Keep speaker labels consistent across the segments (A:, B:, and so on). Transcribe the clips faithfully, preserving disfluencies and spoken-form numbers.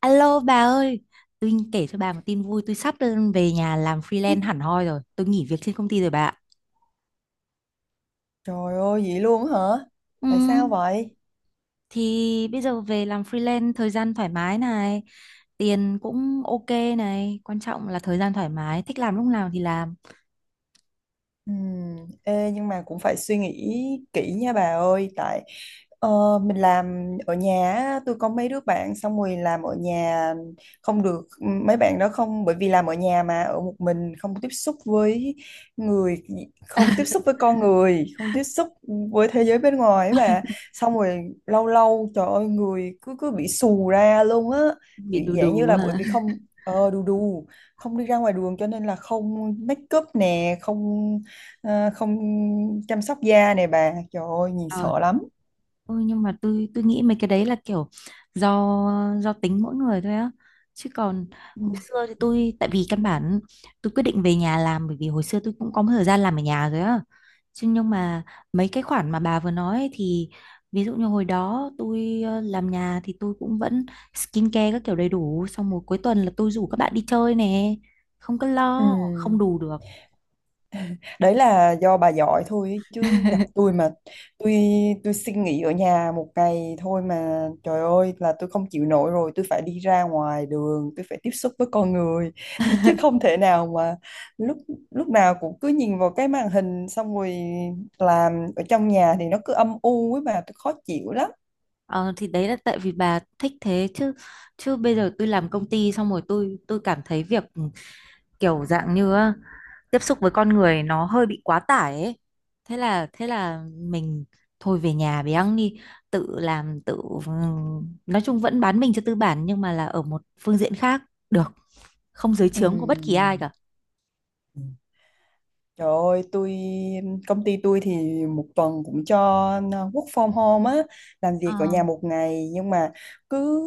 A: Alo bà ơi, tôi kể cho bà một tin vui, tôi sắp đơn về nhà làm
B: Ê,
A: freelance hẳn hoi rồi, tôi nghỉ việc trên công ty rồi bà. ạ.
B: trời ơi, vậy luôn hả?
A: Ừ,
B: Tại sao vậy?
A: thì bây giờ về làm freelance thời gian thoải mái này, tiền cũng ok này, quan trọng là thời gian thoải mái, thích làm lúc nào thì làm,
B: Ừm, ê, nhưng mà cũng phải suy nghĩ kỹ nha bà ơi tại ờ, mình làm ở nhà á, tôi có mấy đứa bạn xong rồi làm ở nhà không được, ừ, mấy bạn đó không, bởi vì làm ở nhà mà ở một mình không tiếp xúc với người, không tiếp xúc với con người, không tiếp xúc với thế giới bên ngoài ấy bà. Xong rồi lâu lâu trời ơi người cứ cứ bị xù ra luôn á,
A: bị
B: kiểu
A: đù
B: dạng như
A: đù
B: là
A: à.
B: bởi vì không ờ đù đù không đi ra ngoài đường cho nên là không make up nè, không Ờ, không chăm sóc da này bà, trời ơi nhìn sợ lắm.
A: Ừ, nhưng mà tôi tôi nghĩ mấy cái đấy là kiểu do do tính mỗi người thôi á, chứ còn hồi
B: Ừ.
A: xưa thì tôi, tại vì căn bản tôi quyết định về nhà làm bởi vì hồi xưa tôi cũng có một thời gian làm ở nhà rồi á chứ. Nhưng mà mấy cái khoản mà bà vừa nói ấy thì ví dụ như hồi đó tôi ờ, làm nhà thì tôi cũng vẫn skincare các kiểu đầy đủ, xong một cuối tuần là tôi rủ các bạn đi chơi nè, không có
B: Ừ.
A: lo không đủ được.
B: Đấy là do bà giỏi thôi ấy, chứ gặp tôi mà tôi tôi xin nghỉ ở nhà một ngày thôi mà trời ơi là tôi không chịu nổi rồi, tôi phải đi ra ngoài đường, tôi phải tiếp xúc với con người chứ không thể nào mà lúc lúc nào cũng cứ nhìn vào cái màn hình, xong rồi làm ở trong nhà thì nó cứ âm u ấy bà, tôi khó chịu lắm.
A: Ờ, thì đấy là tại vì bà thích thế, chứ chứ bây giờ tôi làm công ty xong rồi tôi tôi cảm thấy việc ừ, kiểu dạng như á, tiếp xúc với con người nó hơi bị quá tải ấy. Thế là thế là mình thôi về nhà bé ăn đi, tự làm tự ừm, nói chung vẫn bán mình cho tư bản nhưng mà là ở một phương diện khác, được không dưới trướng của bất kỳ ai cả.
B: Ừ. Trời ơi, tôi công ty tôi thì một tuần cũng cho work from home á, làm
A: Ờ,
B: việc ở nhà một ngày, nhưng mà cứ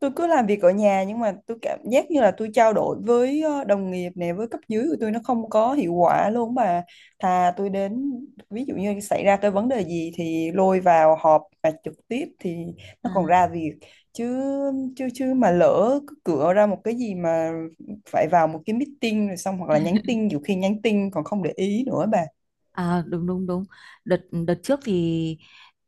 B: tôi cứ làm việc ở nhà nhưng mà tôi cảm giác như là tôi trao đổi với ờ, đồng nghiệp này với cấp dưới của tôi nó không có hiệu quả luôn bà. Thà tôi đến, ví dụ như xảy ra cái vấn đề gì thì lôi vào họp và trực tiếp thì nó còn
A: à.
B: ra việc, chứ chứ chứ mà lỡ cứ cửa ra một cái gì mà phải vào một cái meeting rồi xong, hoặc là nhắn tin, nhiều khi nhắn tin còn không để ý nữa bà.
A: À, đúng đúng đúng đợt đợt trước thì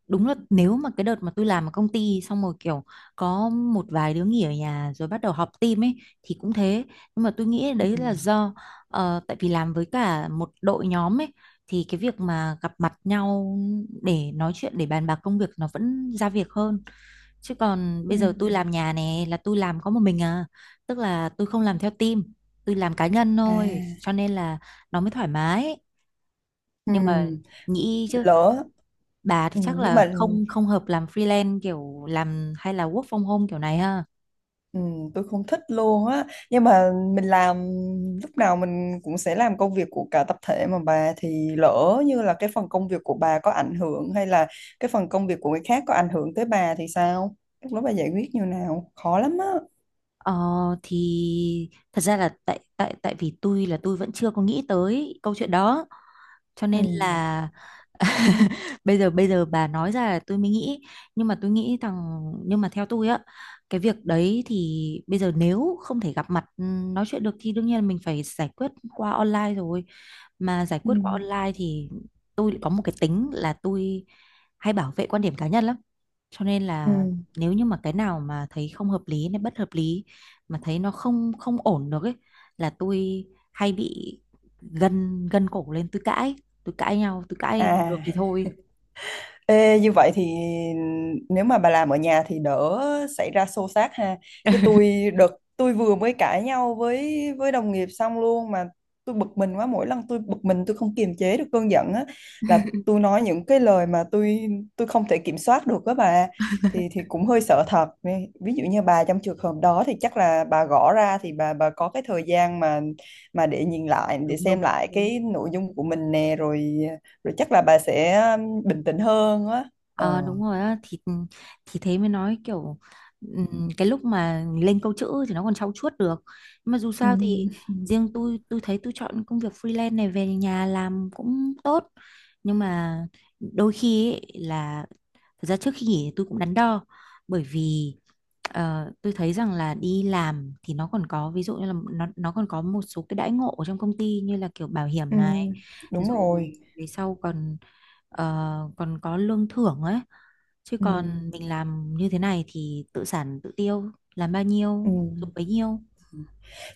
A: đúng là nếu mà cái đợt mà tôi làm ở công ty xong rồi kiểu có một vài đứa nghỉ ở nhà rồi bắt đầu họp team ấy thì cũng thế. Nhưng mà tôi nghĩ
B: Ừ.
A: đấy là do ờ, tại vì làm với cả một đội nhóm ấy, thì cái việc mà gặp mặt nhau để nói chuyện để bàn bạc công việc nó vẫn ra việc hơn, chứ còn
B: Ừ.
A: bây giờ tôi làm nhà này là tôi làm có một mình à, tức là tôi không làm theo team, tôi làm cá nhân
B: À.
A: thôi cho nên là nó mới thoải mái.
B: Ừ.
A: Nhưng mà nghĩ chứ
B: Lỡ.
A: bà thì
B: Ừ.
A: chắc
B: Nhưng
A: là
B: mà
A: không không hợp làm freelance kiểu làm hay là work from home kiểu này ha.
B: ừ, tôi không thích luôn á, nhưng mà mình làm lúc nào mình cũng sẽ làm công việc của cả tập thể, mà bà thì lỡ như là cái phần công việc của bà có ảnh hưởng, hay là cái phần công việc của người khác có ảnh hưởng tới bà thì sao, lúc đó bà giải quyết như nào khó lắm á.
A: ờ, thì thật ra là tại tại tại vì tôi là tôi vẫn chưa có nghĩ tới câu chuyện đó cho
B: Ừ.
A: nên là bây giờ bây giờ bà nói ra là tôi mới nghĩ. Nhưng mà tôi nghĩ rằng, nhưng mà theo tôi á, cái việc đấy thì bây giờ nếu không thể gặp mặt ừ, nói chuyện được thì đương nhiên là mình phải giải quyết qua online rồi. Mà giải
B: Ừ.
A: quyết qua online thì tôi lại có một cái tính là tôi hay bảo vệ quan điểm cá nhân lắm, cho nên
B: Ừ.
A: là nếu như mà cái nào mà thấy không hợp lý này, bất hợp lý mà thấy nó không không ổn được ấy, là tôi hay bị gân gân cổ lên tôi cãi, tôi cãi nhau tôi cãi bằng được
B: À.
A: thì thôi.
B: Ê, như vậy thì nếu mà bà làm ở nhà thì đỡ xảy ra xô xát ha. Chứ tôi đợt tôi vừa mới cãi nhau với với đồng nghiệp xong luôn mà, tôi bực mình quá, mỗi lần tôi bực mình tôi không kiềm chế được cơn giận á, là tôi nói những cái lời mà tôi tôi không thể kiểm soát được đó bà, thì thì cũng hơi sợ thật. Ví Ví dụ như bà trong trường hợp đó thì chắc là bà gõ ra thì bà bà có cái thời gian mà mà để nhìn lại, để
A: đúng
B: xem
A: đúng đúng
B: lại
A: đúng
B: cái nội dung của mình nè, rồi rồi chắc là bà sẽ um, bình tĩnh hơn á. Ờ.
A: Ờ, đúng rồi á, thì thì thế mới nói kiểu ừm, cái lúc mà lên câu chữ thì nó còn trau chuốt được, nhưng mà dù
B: Ừ.
A: sao thì riêng tôi tôi thấy tôi chọn công việc freelance này về nhà làm cũng tốt. Nhưng mà đôi khi ấy, là thật ra trước khi nghỉ thì tôi cũng đắn đo bởi vì ờ, tôi thấy rằng là đi làm thì nó còn có ví dụ như là nó nó còn có một số cái đãi ngộ ở trong công ty như là kiểu bảo hiểm
B: Ừ,
A: này,
B: đúng
A: rồi
B: rồi.
A: về sau còn ờ, còn có lương thưởng ấy, chứ
B: Ừ.
A: còn mình làm như thế này thì tự sản tự tiêu, làm bao
B: Ừ.
A: nhiêu dùng bấy nhiêu.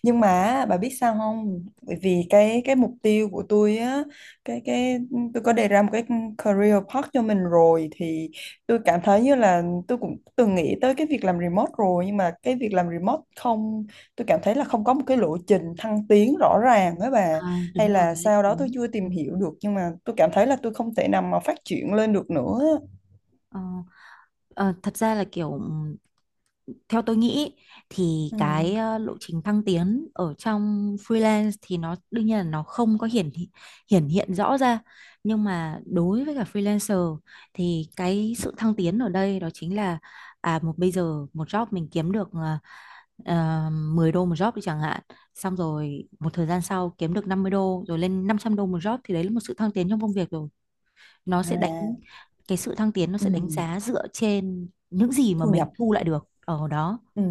B: Nhưng mà bà biết sao không, bởi vì cái cái mục tiêu của tôi á, cái cái tôi có đề ra một cái career path cho mình rồi, thì tôi cảm thấy như là tôi cũng từng nghĩ tới cái việc làm remote rồi, nhưng mà cái việc làm remote không, tôi cảm thấy là không có một cái lộ trình thăng tiến rõ ràng với bà,
A: À,
B: hay
A: đúng rồi,
B: là
A: cái đấy
B: sau
A: thì
B: đó tôi
A: đúng.
B: chưa tìm hiểu được, nhưng mà tôi cảm thấy là tôi không thể nào mà phát triển lên được nữa.
A: Ờ, Ờ, thật ra là kiểu ừm, theo tôi nghĩ thì
B: Ừ.
A: cái ờ, lộ trình thăng tiến ở trong freelance thì nó đương nhiên là nó không có hiển thị- hiển hiện rõ ra. Nhưng mà đối với cả freelancer thì cái sự thăng tiến ở đây đó chính là à, một bây giờ một job mình kiếm được ờ, ờ, mười đô một job đi chẳng hạn, xong rồi một thời gian sau kiếm được năm mươi đô rồi lên năm trăm đô một job, thì đấy là một sự thăng tiến trong công việc rồi. Nó sẽ đánh,
B: À.
A: cái sự thăng tiến nó
B: Ừ.
A: sẽ đánh giá dựa trên những gì mà
B: Thu
A: mình
B: nhập.
A: thu lại được ở đó.
B: Ừ.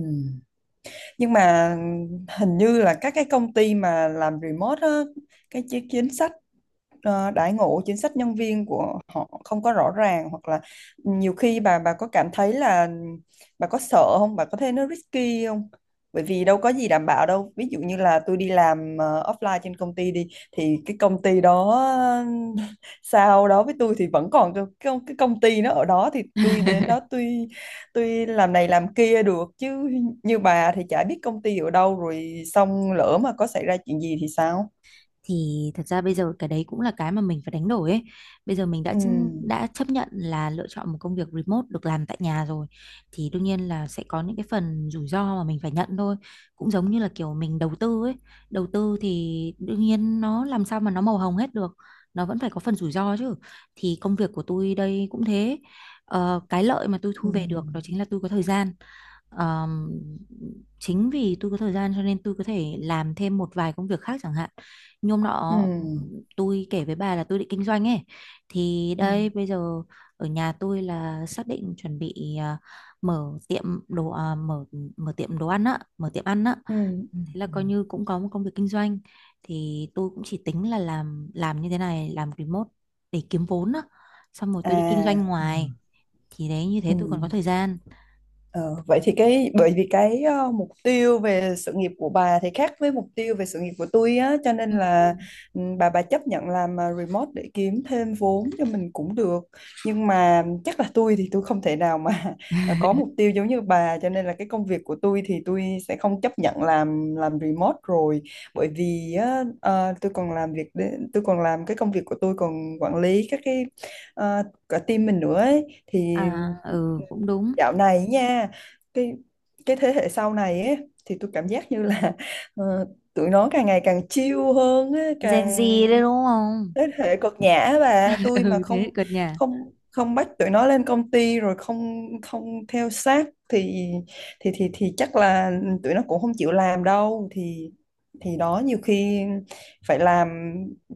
B: Nhưng mà hình như là các cái công ty mà làm remote á, cái chi- chính sách ờ, đãi ngộ, chính sách nhân viên của họ không có rõ ràng, hoặc là nhiều khi bà bà có cảm thấy là bà có sợ không, bà có thấy nó risky không, bởi vì đâu có gì đảm bảo đâu, ví dụ như là tôi đi làm ờ, offline trên công ty đi thì cái công ty đó sau đó với tôi thì vẫn còn cái, cái, cái công ty nó ở đó thì tôi đến đó tôi tuy làm này làm kia được, chứ như bà thì chả biết công ty ở đâu rồi, xong lỡ mà có xảy ra chuyện gì thì sao.
A: Thì thật ra bây giờ cái đấy cũng là cái mà mình phải đánh đổi ấy. Bây giờ mình đã
B: Ừ.
A: chân- đã chấp nhận là lựa chọn một công việc remote được làm tại nhà rồi, thì đương nhiên là sẽ có những cái phần rủi ro mà mình phải nhận thôi. Cũng giống như là kiểu mình đầu tư ấy. Đầu tư thì đương nhiên nó làm sao mà nó màu hồng hết được. Nó vẫn phải có phần rủi ro chứ. Thì công việc của tôi đây cũng thế. Ờ, cái lợi mà tôi
B: Ừ.
A: thu về được đó chính là tôi có thời gian. Ờm, Chính vì tôi có thời gian cho nên tôi có thể làm thêm một vài công việc khác, chẳng hạn như hôm
B: Ừ.
A: nọ tôi kể với bà là tôi định kinh doanh ấy, thì
B: Ừ.
A: đây bây giờ ở nhà tôi là xác định chuẩn bị à, mở tiệm đồ à, mở mở tiệm đồ ăn á, mở tiệm ăn á.
B: Ừ. Ừ.
A: Thế là
B: Ừ.
A: coi như cũng có một công việc kinh doanh, thì tôi cũng chỉ tính là làm làm như thế này, làm remote để kiếm vốn á, xong rồi
B: À.
A: tôi đi kinh doanh
B: Ừ.
A: ngoài, thì đấy, như thế
B: Ừ.
A: tôi còn có thời gian.
B: Ờ, vậy thì cái bởi vì cái ờ, mục tiêu về sự nghiệp của bà thì khác với mục tiêu về sự nghiệp của tôi á, cho
A: Ừ.
B: nên là ừ, bà bà chấp nhận làm ờ, remote để kiếm thêm vốn cho mình cũng được, nhưng mà chắc là tôi thì tôi không thể nào mà có mục tiêu giống như bà, cho nên là cái công việc của tôi thì tôi sẽ không chấp nhận làm làm remote rồi, bởi vì á, ờ, tôi còn làm việc để- tôi còn làm cái công việc của tôi, còn quản lý các cái ờ, cả team mình nữa ấy,
A: À
B: thì.
A: ừ cũng đúng.
B: Dạo này nha, cái cái thế hệ sau này ấy, thì tôi cảm giác như là ờ, tụi nó càng ngày càng chill hơn á,
A: Gen Z
B: càng
A: đấy đúng không.
B: thế hệ cực nhã, và tôi mà
A: Ừ
B: không
A: thế cợt nhà.
B: không không bắt tụi nó lên công ty, rồi không không theo sát thì thì thì thì chắc là tụi nó cũng không chịu làm đâu, thì thì đó nhiều khi phải làm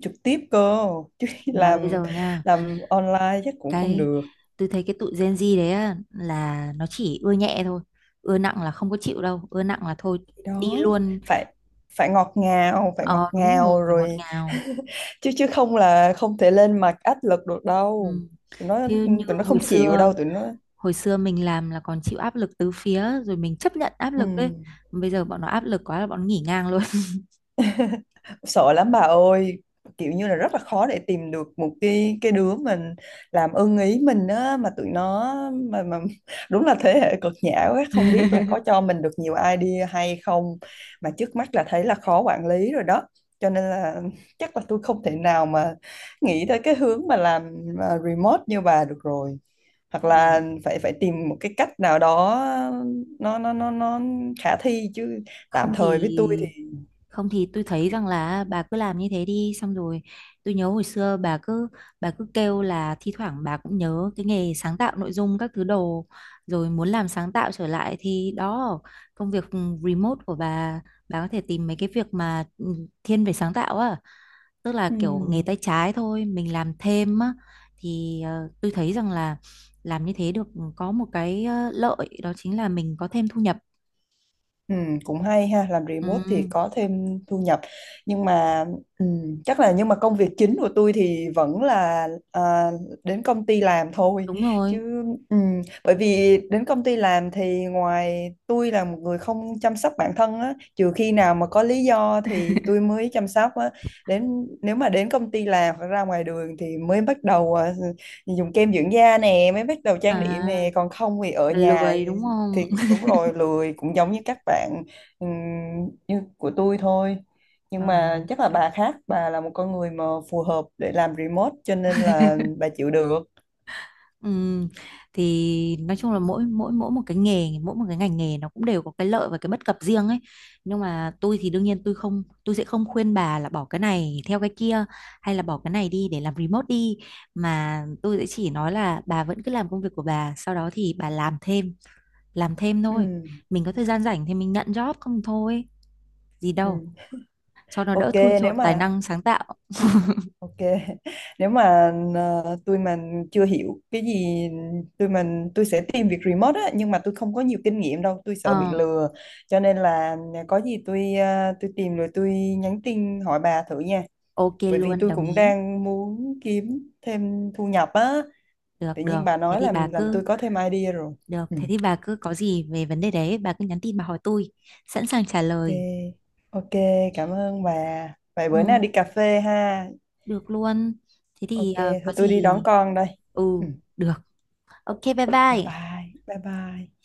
B: trực tiếp cơ chứ.
A: Mà bây
B: làm
A: giờ nha,
B: làm online chắc cũng không
A: cái
B: được
A: tôi thấy cái tụi Gen Z đấy á, là nó chỉ ưa nhẹ thôi, ưa nặng là không có chịu đâu, ưa nặng là thôi đi
B: đó,
A: luôn.
B: phải phải ngọt ngào, phải ngọt
A: Ờ đúng rồi,
B: ngào
A: phải ngọt
B: rồi.
A: ngào.
B: chứ chứ không là không thể lên mặt áp lực được đâu,
A: Ừ.
B: tụi nó,
A: Chứ như
B: tụi nó
A: hồi
B: không chịu
A: xưa,
B: đâu tụi nó.
A: hồi xưa mình làm là còn chịu áp lực tứ phía rồi mình chấp nhận áp
B: Ừ.
A: lực đấy, bây giờ bọn nó áp lực quá là bọn nó nghỉ ngang luôn.
B: Sợ lắm bà ơi, kiểu như là rất là khó để tìm được một cái cái đứa mình làm ưng ý mình á, mà tụi nó mà mà đúng là thế hệ cực nhã quá, không biết là có cho mình được nhiều idea hay không, mà trước mắt là thấy là khó quản lý rồi đó, cho nên là chắc là tôi không thể nào mà nghĩ tới cái hướng mà làm à, remote như bà được rồi, hoặc
A: Và
B: là phải phải tìm một cái cách nào đó nó nó nó nó khả thi chứ. Tạm
A: không
B: thời với
A: thì,
B: tôi thì
A: không thì tôi thấy rằng là bà cứ làm như thế đi, xong rồi tôi nhớ hồi xưa bà cứ bà cứ kêu là thi thoảng bà cũng nhớ cái nghề sáng tạo nội dung các thứ đồ, rồi muốn làm sáng tạo trở lại, thì đó, công việc remote của bà bà có thể tìm mấy cái việc mà ừ, thiên về sáng tạo á, tức là
B: ừ.
A: kiểu nghề tay trái thôi mình làm thêm á. Thì ờ, tôi thấy rằng là làm như thế được, có một cái ờ, lợi đó chính là mình có thêm thu nhập.
B: Ừ, cũng hay ha, làm remote thì
A: Ừ,
B: có thêm thu nhập, nhưng mà ừ, chắc là nhưng mà công việc chính của tôi thì vẫn là à, đến công ty làm thôi,
A: đúng rồi.
B: chứ ừ, bởi vì đến công ty làm thì ngoài, tôi là một người không chăm sóc bản thân á, trừ khi nào mà có lý do thì tôi mới chăm sóc á, đến nếu mà đến công ty làm hoặc ra ngoài đường thì mới bắt đầu à, dùng kem dưỡng da nè, mới bắt đầu
A: À,
B: trang điểm nè, còn không thì ở
A: là
B: nhà
A: lười đúng
B: thì
A: không.
B: đúng rồi lười, cũng giống như các bạn ừm, như của tôi thôi. Nhưng
A: Ờ,
B: mà chắc là
A: trời.
B: bà khác, bà là một con người mà phù hợp để làm remote cho nên là bà chịu được.
A: Ừm, thì nói chung là mỗi mỗi mỗi một cái nghề, mỗi một cái ngành nghề nó cũng đều có cái lợi và cái bất cập riêng ấy. Nhưng mà tôi thì đương nhiên tôi không tôi sẽ không khuyên bà là bỏ cái này theo cái kia, hay là bỏ cái này đi để làm remote đi, mà tôi sẽ chỉ nói là bà vẫn cứ làm công việc của bà, sau đó thì bà làm thêm, làm thêm
B: Ừ.
A: thôi. Mình có thời gian rảnh thì mình nhận job không thôi, gì đâu,
B: Ừ.
A: cho nó
B: Ok,
A: đỡ thui
B: nếu
A: chột tài
B: mà
A: năng sáng tạo.
B: ok nếu mà ờ, tôi mà chưa hiểu cái gì, tôi mình tôi sẽ tìm việc remote á, nhưng mà tôi không có nhiều kinh nghiệm đâu, tôi sợ bị
A: Ờ,
B: lừa, cho nên là có gì tôi ờ, tôi tìm rồi tôi nhắn tin hỏi bà thử nha,
A: ok
B: bởi vì
A: luôn,
B: tôi
A: đồng
B: cũng
A: ý.
B: đang muốn kiếm thêm thu nhập á,
A: Được,
B: tự
A: được.
B: nhiên bà
A: Thế
B: nói
A: thì bà
B: làm làm
A: cứ
B: tôi có thêm idea rồi.
A: được,
B: Ừ.
A: thế thì bà cứ có gì về vấn đề đấy, bà cứ nhắn tin bà hỏi tôi, sẵn sàng trả
B: Ok.
A: lời.
B: Ok, cảm ơn bà, vậy
A: Ừ,
B: bữa nào đi cà phê ha.
A: được luôn. Thế thì
B: Ok,
A: ờ, có
B: thôi tôi đi
A: gì.
B: đón con đây.
A: Ừ,
B: Ừ.
A: được. Ok, bye
B: Thế bye
A: bye.
B: bye, bye bye.